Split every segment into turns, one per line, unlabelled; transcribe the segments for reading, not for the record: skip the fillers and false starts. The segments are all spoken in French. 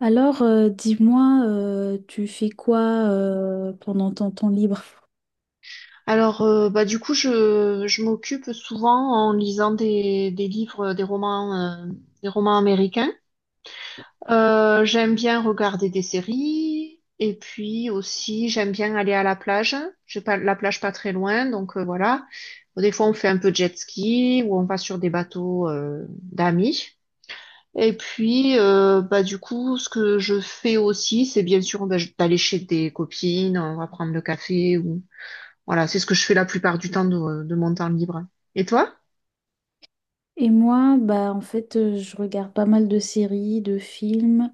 Dis-moi, tu fais quoi pendant ton temps libre?
Alors, je m'occupe souvent en lisant des livres, des romans américains. J'aime bien regarder des séries et puis aussi j'aime bien aller à la plage. J'ai pas la plage pas très loin, donc voilà. Des fois, on fait un peu de jet ski ou on va sur des bateaux d'amis. Et puis, ce que je fais aussi, c'est bien sûr d'aller chez des copines, on va prendre le café, voilà, c'est ce que je fais la plupart du temps de mon temps libre. Et toi?
Et moi, bah en fait, je regarde pas mal de séries, de films.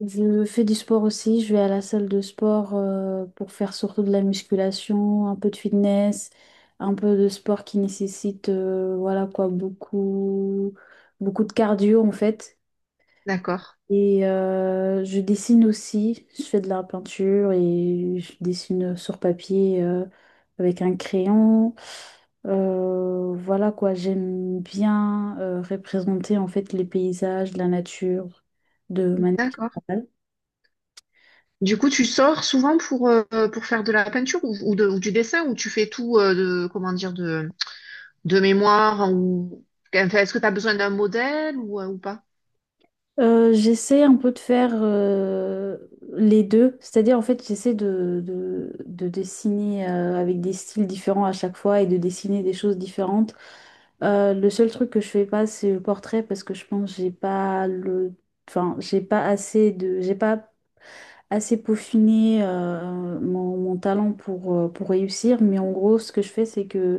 Je fais du sport aussi. Je vais à la salle de sport pour faire surtout de la musculation, un peu de fitness, un peu de sport qui nécessite, voilà quoi, beaucoup de cardio en fait.
D'accord.
Je dessine aussi, je fais de la peinture et je dessine sur papier avec un crayon. Voilà quoi, j'aime bien représenter en fait les paysages, la nature de manière
D'accord.
générale.
Du coup, tu sors souvent pour faire de la peinture ou du dessin ou tu fais tout comment dire, de mémoire ou enfin, est-ce que tu as besoin d'un modèle ou pas?
J'essaie un peu de faire les deux, c'est-à-dire en fait j'essaie de dessiner avec des styles différents à chaque fois et de dessiner des choses différentes. Le seul truc que je fais pas c'est le portrait parce que je pense que j'ai pas le, enfin j'ai pas assez de, j'ai pas assez peaufiné mon talent pour réussir. Mais en gros ce que je fais c'est que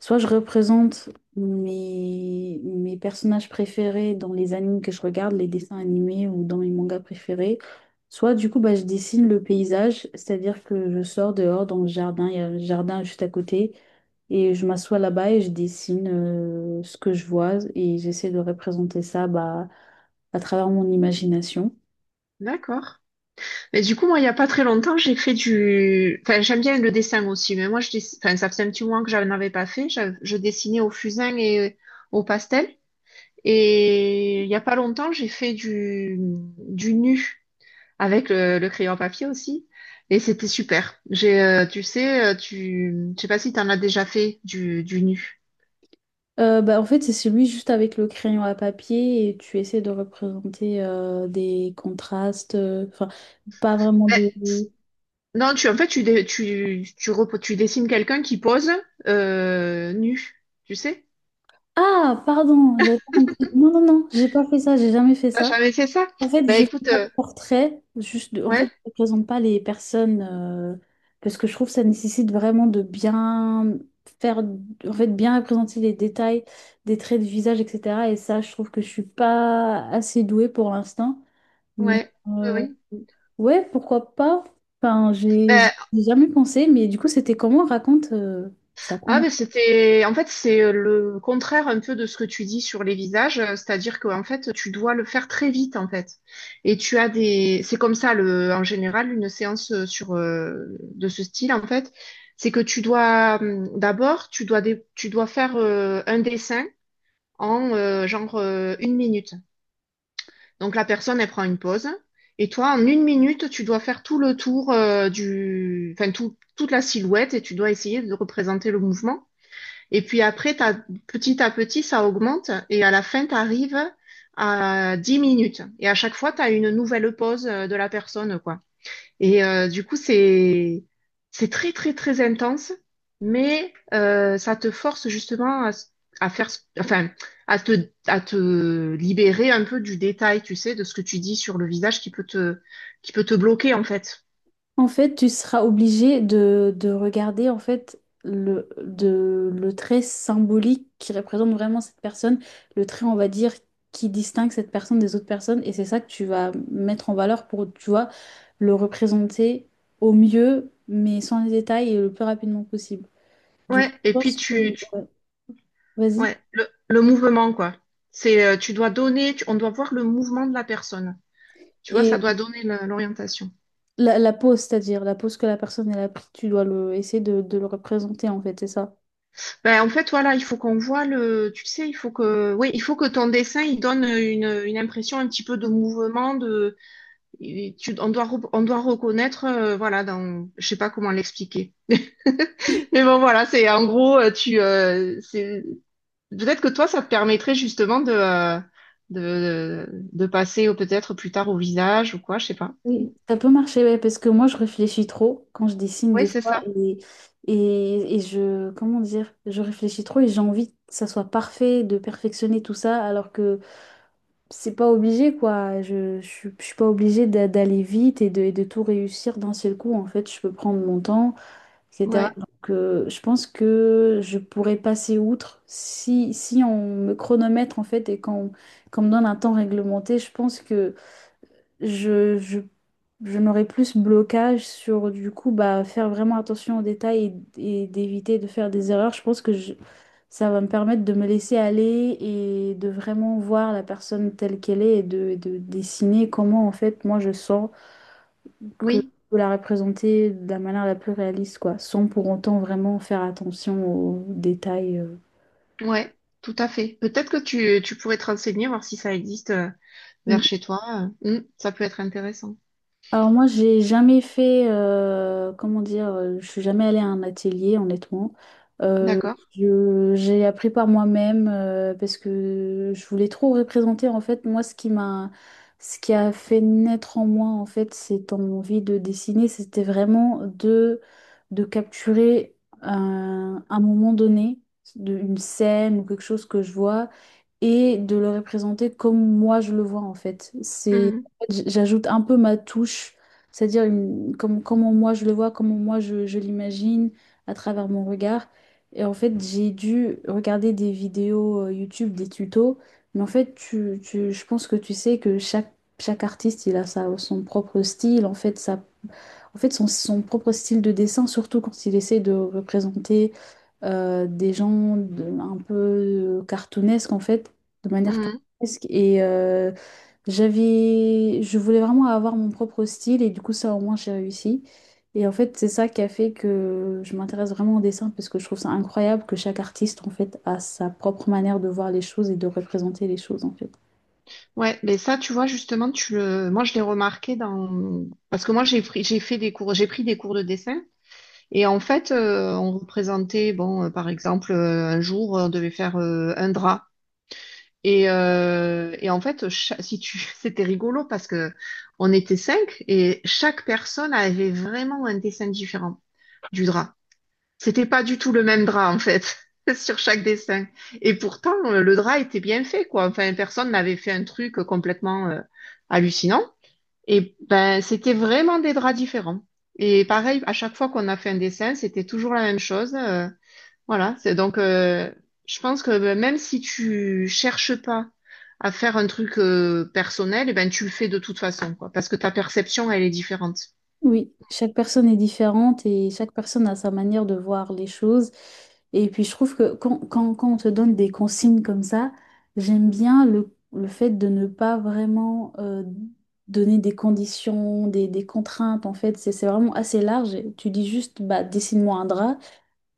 soit je représente mes personnages préférés dans les animes que je regarde, les dessins animés ou dans mes mangas préférés. Soit du coup, bah, je dessine le paysage, c'est-à-dire que je sors dehors dans le jardin, il y a un jardin juste à côté, et je m'assois là-bas et je dessine ce que je vois et j'essaie de représenter ça bah, à travers mon imagination.
D'accord. Mais du coup, moi, il n'y a pas très longtemps, j'ai fait du... Enfin, j'aime bien le dessin aussi, mais moi, enfin, ça faisait un petit moment que je n'en avais pas fait. Je dessinais au fusain et au pastel. Et il n'y a pas longtemps, j'ai fait du nu avec le crayon à papier aussi. Et c'était super. J'ai, tu sais, tu... Je sais pas si tu en as déjà fait du nu.
Bah, en fait, c'est celui juste avec le crayon à papier et tu essaies de représenter des contrastes, enfin, pas vraiment
Ben,
de...
non, tu, en fait, tu, dé- tu, repo- tu dessines quelqu'un qui pose nu, tu sais?
Ah, pardon, j'avais pas compris. Non, non, non, j'ai pas fait ça, j'ai jamais fait
T'as
ça.
jamais fait ça?
En fait,
Ben
je fais
écoute,
pas de portrait, juste de- en fait,
ouais.
je ne présente pas les personnes parce que je trouve que ça nécessite vraiment de bien faire, en fait, bien représenter les détails des traits de visage, etc. Et ça, je trouve que je suis pas assez douée pour l'instant. Mais
Ouais, oui,
euh,
oui.
ouais, pourquoi pas? Enfin, j'ai
Ben,
j'ai jamais pensé, mais du coup, c'était comment? Raconte ça.
ah,
Comment
ben c'était, en fait, c'est le contraire un peu de ce que tu dis sur les visages, c'est-à-dire qu'en fait, tu dois le faire très vite, en fait. Et tu as des, c'est comme ça, le, en général, une séance de ce style, en fait, c'est que tu dois, tu dois faire un dessin en genre 1 minute. Donc la personne, elle prend une pause. Et toi, en 1 minute, tu dois faire tout le tour enfin toute la silhouette et tu dois essayer de représenter le mouvement. Et puis après, petit à petit, ça augmente et à la fin, tu arrives à 10 minutes. Et à chaque fois, tu as une nouvelle pose de la personne, quoi. Et du coup, c'est très très très intense, mais ça te force justement à, enfin, à te libérer un peu du détail, tu sais, de ce que tu dis sur le visage qui peut te bloquer en fait.
en fait, tu seras obligé de regarder en fait le, de, le trait symbolique qui représente vraiment cette personne, le trait, on va dire, qui distingue cette personne des autres personnes, et c'est ça que tu vas mettre en valeur pour, tu vois, le représenter au mieux, mais sans les détails et le plus rapidement possible. Du
Ouais.
coup, je pense que... ouais, vas-y.
Ouais, le mouvement quoi. C'est tu dois donner, on doit voir le mouvement de la personne. Tu vois, ça doit donner l'orientation.
La pose, c'est-à-dire la pose que la personne elle a pris, tu dois le, essayer de le représenter en fait, c'est ça.
Ben, en fait, voilà, il faut qu'on voit le, tu sais, il faut que, oui, il faut que ton dessin, il donne une impression un petit peu de mouvement, de, et on doit, on doit reconnaître, voilà, dans, je sais pas comment l'expliquer. Mais bon, voilà, c'est, en gros, peut-être que toi, ça te permettrait justement de, de passer peut-être plus tard au visage ou quoi, je sais pas.
Oui. Ça peut marcher, ouais, parce que moi je réfléchis trop quand je dessine
Oui,
des
c'est
fois
ça.
et je, comment dire, je réfléchis trop et j'ai envie que ça soit parfait, de perfectionner tout ça, alors que c'est pas obligé quoi. Je suis pas obligée d'a- d'aller vite et de tout réussir d'un seul coup. En fait, je peux prendre mon temps et cetera.
Ouais,
Donc, je pense que je pourrais passer outre si, si on me chronomètre en fait et qu'on me donne un temps réglementé. Je pense que je, je, je n'aurais plus ce blocage sur du coup bah, faire vraiment attention aux détails et d'éviter de faire des erreurs. Je pense que je- ça va me permettre de me laisser aller et de vraiment voir la personne telle qu'elle est et de dessiner comment en fait moi je sens que
oui,
faut la représenter de la manière la plus réaliste, quoi, sans pour autant vraiment faire attention aux détails.
ouais, tout à fait. Peut-être que tu pourrais te renseigner, voir si ça existe vers chez toi. Ça peut être intéressant.
Alors moi, j'ai jamais fait, comment dire, je suis jamais allée à un atelier, honnêtement. Euh,
D'accord.
je- j'ai appris par moi-même parce que je voulais trop représenter. En fait, moi, ce qui m'a, ce qui a fait naître en moi, en fait, cette envie de dessiner, c'était vraiment de capturer un moment donné, de- une scène ou quelque chose que je vois et de le représenter comme moi je le vois en fait. C'est,
Mhm,
en fait, j- j'ajoute un peu ma touche, c'est-à-dire une- comme, comment moi je le vois, comment moi je l'imagine à travers mon regard. Et en fait, j'ai dû regarder des vidéos YouTube, des tutos, mais en fait, tu- je pense que tu sais que chaque artiste, il a sa, son propre style, en fait, sa- en fait son, son propre style de dessin, surtout quand il essaie de représenter des gens de- un peu cartoonesques en fait, de manière
mhm.
cartoonesque. J'avais, je voulais vraiment avoir mon propre style et du coup ça au moins j'ai réussi. Et en fait c'est ça qui a fait que je m'intéresse vraiment au dessin parce que je trouve ça incroyable que chaque artiste en fait a sa propre manière de voir les choses et de représenter les choses en fait.
Ouais, mais ça, tu vois, justement, tu le... moi, je l'ai remarqué dans... Parce que moi, j'ai fait des cours, j'ai pris des cours de dessin. Et en fait, on représentait, bon, par exemple, un jour, on devait faire un drap. Et en fait, si tu... c'était rigolo parce que on était 5 et chaque personne avait vraiment un dessin différent du drap. C'était pas du tout le même drap, en fait, sur chaque dessin. Et pourtant, le drap était bien fait, quoi. Enfin, personne n'avait fait un truc complètement hallucinant. Et ben, c'était vraiment des draps différents. Et pareil, à chaque fois qu'on a fait un dessin, c'était toujours la même chose. Voilà. C'est donc, je pense que ben, même si tu cherches pas à faire un truc personnel, eh ben, tu le fais de toute façon, quoi. Parce que ta perception, elle est différente.
Oui, chaque personne est différente et chaque personne a sa manière de voir les choses. Et puis je trouve que quand on te donne des consignes comme ça, j'aime bien le fait de ne pas vraiment donner des conditions, des contraintes. En fait, c'est vraiment assez large. Tu dis juste, bah, dessine-moi un drap.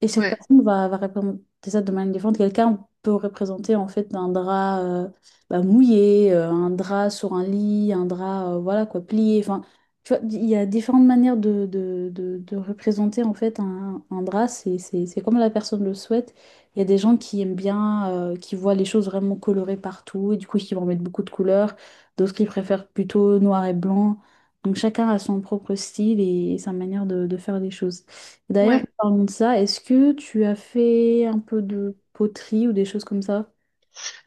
Et chaque
Ouais.
personne va représenter ça de manière différente. Quelqu'un peut représenter en fait un drap bah, mouillé, un drap sur un lit, un drap voilà quoi, plié. Enfin, tu vois, il y a différentes manières de représenter en fait un drap. C'est comme la personne le souhaite. Il y a des gens qui aiment bien, qui voient les choses vraiment colorées partout et du coup qui vont mettre beaucoup de couleurs. D'autres qui préfèrent plutôt noir et blanc. Donc chacun a son propre style et sa manière de faire les choses. D'ailleurs, en
Ouais.
parlant de ça, est-ce que tu as fait un peu de poterie ou des choses comme ça?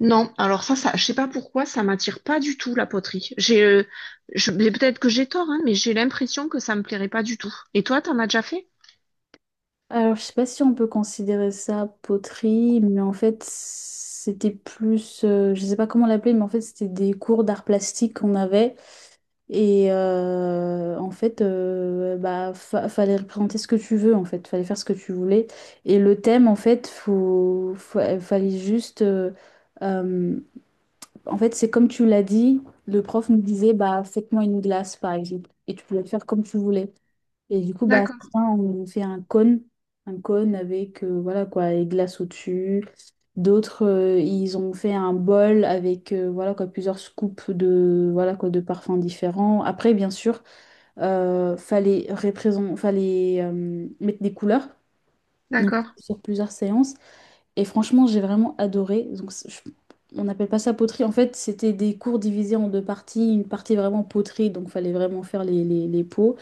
Non, alors je sais pas pourquoi, ça m'attire pas du tout la poterie. Mais peut-être que j'ai tort, hein, mais j'ai l'impression que ça me plairait pas du tout. Et toi, t'en as déjà fait?
Alors, je sais pas si on peut considérer ça poterie, mais en fait, c'était plus, je sais pas comment l'appeler, mais en fait, c'était des cours d'art plastique qu'on avait. En fait, bah, fa- fallait représenter ce que tu veux, en fait, fallait faire ce que tu voulais. Et le thème, en fait, faut, fa- fallait juste euh, en fait, c'est comme tu l'as dit, le prof nous disait, bah, faites-moi une glace, par exemple. Et tu pouvais faire comme tu voulais. Et du coup, bah,
D'accord,
c'est ça, on nous fait un cône avec, voilà, quoi, les glaces au-dessus. D'autres, ils ont fait un bol avec, voilà, quoi, plusieurs scoops de, voilà, quoi, de parfums différents. Après, bien sûr, fallait représent- fallait, mettre des couleurs. Donc,
d'accord.
sur plusieurs séances. Et franchement, j'ai vraiment adoré. Donc, c'est- je- on n'appelle pas ça poterie. En fait, c'était des cours divisés en deux parties. Une partie vraiment poterie, donc fallait vraiment faire les pots.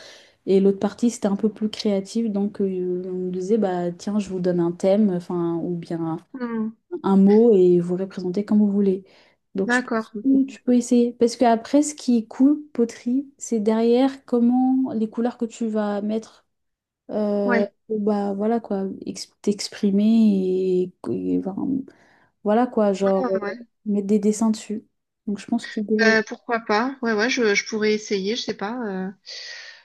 Et l'autre partie, c'était un peu plus créatif. Donc, on nous disait, bah, tiens, je vous donne un thème, enfin, ou bien
Hmm,
un mot, et vous représentez comme vous voulez. Donc, je
d'accord.
pense que tu peux essayer. Parce que après, ce qui est cool, poterie, c'est derrière comment les couleurs que tu vas mettre. euh,
Ouais.
Bah voilà quoi, ex- t'exprimer et, voilà, voilà quoi,
Ouais,
genre,
ouais, ouais.
mettre des dessins dessus. Donc je pense que tu devrais être
Ben, pourquoi pas? Ouais, ouais, je pourrais essayer, je sais pas.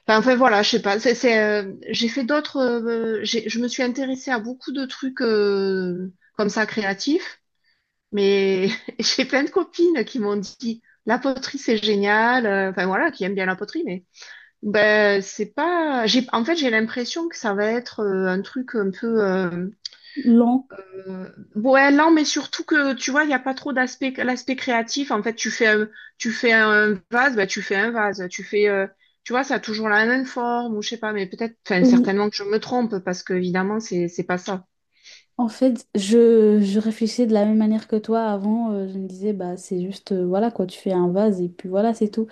Enfin, voilà, je sais pas. J'ai fait d'autres. Je me suis intéressée à beaucoup de trucs comme ça créatifs, mais j'ai plein de copines qui m'ont dit la poterie c'est génial. Enfin voilà, qui aiment bien la poterie, mais ben, c'est pas. J'ai... En fait, j'ai l'impression que ça va être un truc un peu.
lent.
Euh, Ouais, lent, mais surtout que, tu vois, il n'y a pas trop d'aspect l'aspect créatif. En fait, tu fais un vase, ben, tu fais un vase. Tu fais. Tu vois, ça a toujours la même forme, ou je sais pas, mais peut-être. Enfin,
Oui.
certainement que je me trompe, parce que, évidemment, c'est pas ça.
En fait, je réfléchissais de la même manière que toi avant. Je me disais, bah c'est juste, voilà quoi, tu fais un vase et puis voilà, c'est tout.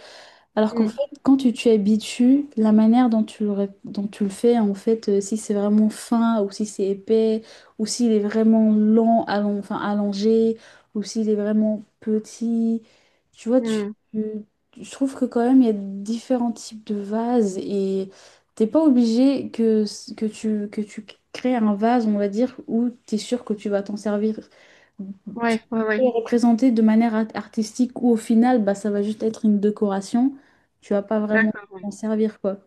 Alors qu'en
Mm,
fait, quand tu t'y habitues, la manière dont tu le, ré- dont tu le fais, en fait, si c'est vraiment fin ou si c'est épais, ou s'il est vraiment lent, allon- enfin, allongé, ou s'il est vraiment petit, tu vois, tu,
mm.
tu- je trouve que quand même, il y a différents types de vases et t'es pas obligé que tu crées un vase, on va dire, où tu es sûr que tu vas t'en servir tu-
Ouais, ouais,
et
ouais.
représenter de manière art- artistique ou au final, bah, ça va juste être une décoration. Tu vas pas vraiment
D'accord, ouais.
t'en servir, quoi.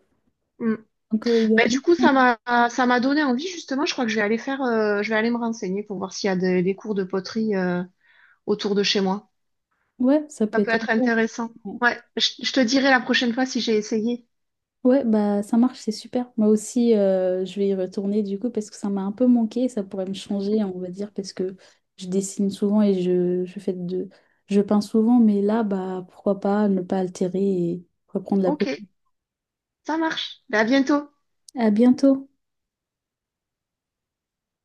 Mm.
Donc, il y a
Ben,
plus...
du coup, ça m'a donné envie, justement. Je crois que je vais aller faire. Je vais aller me renseigner pour voir s'il y a des cours de poterie autour de chez moi.
Ouais, ça peut
Ça peut
être
être
super.
intéressant.
Ouais,
Ouais, je te dirai la prochaine fois si j'ai essayé.
ouais, bah ça marche, c'est super. Moi aussi, je vais y retourner du coup parce que ça m'a un peu manqué. Ça pourrait me changer, on va dire, parce que je dessine souvent et je fais de... Je peins souvent, mais là, bah pourquoi pas ne pas altérer et reprendre la
Ok,
peau.
ça marche. Ben, à bientôt.
À bientôt!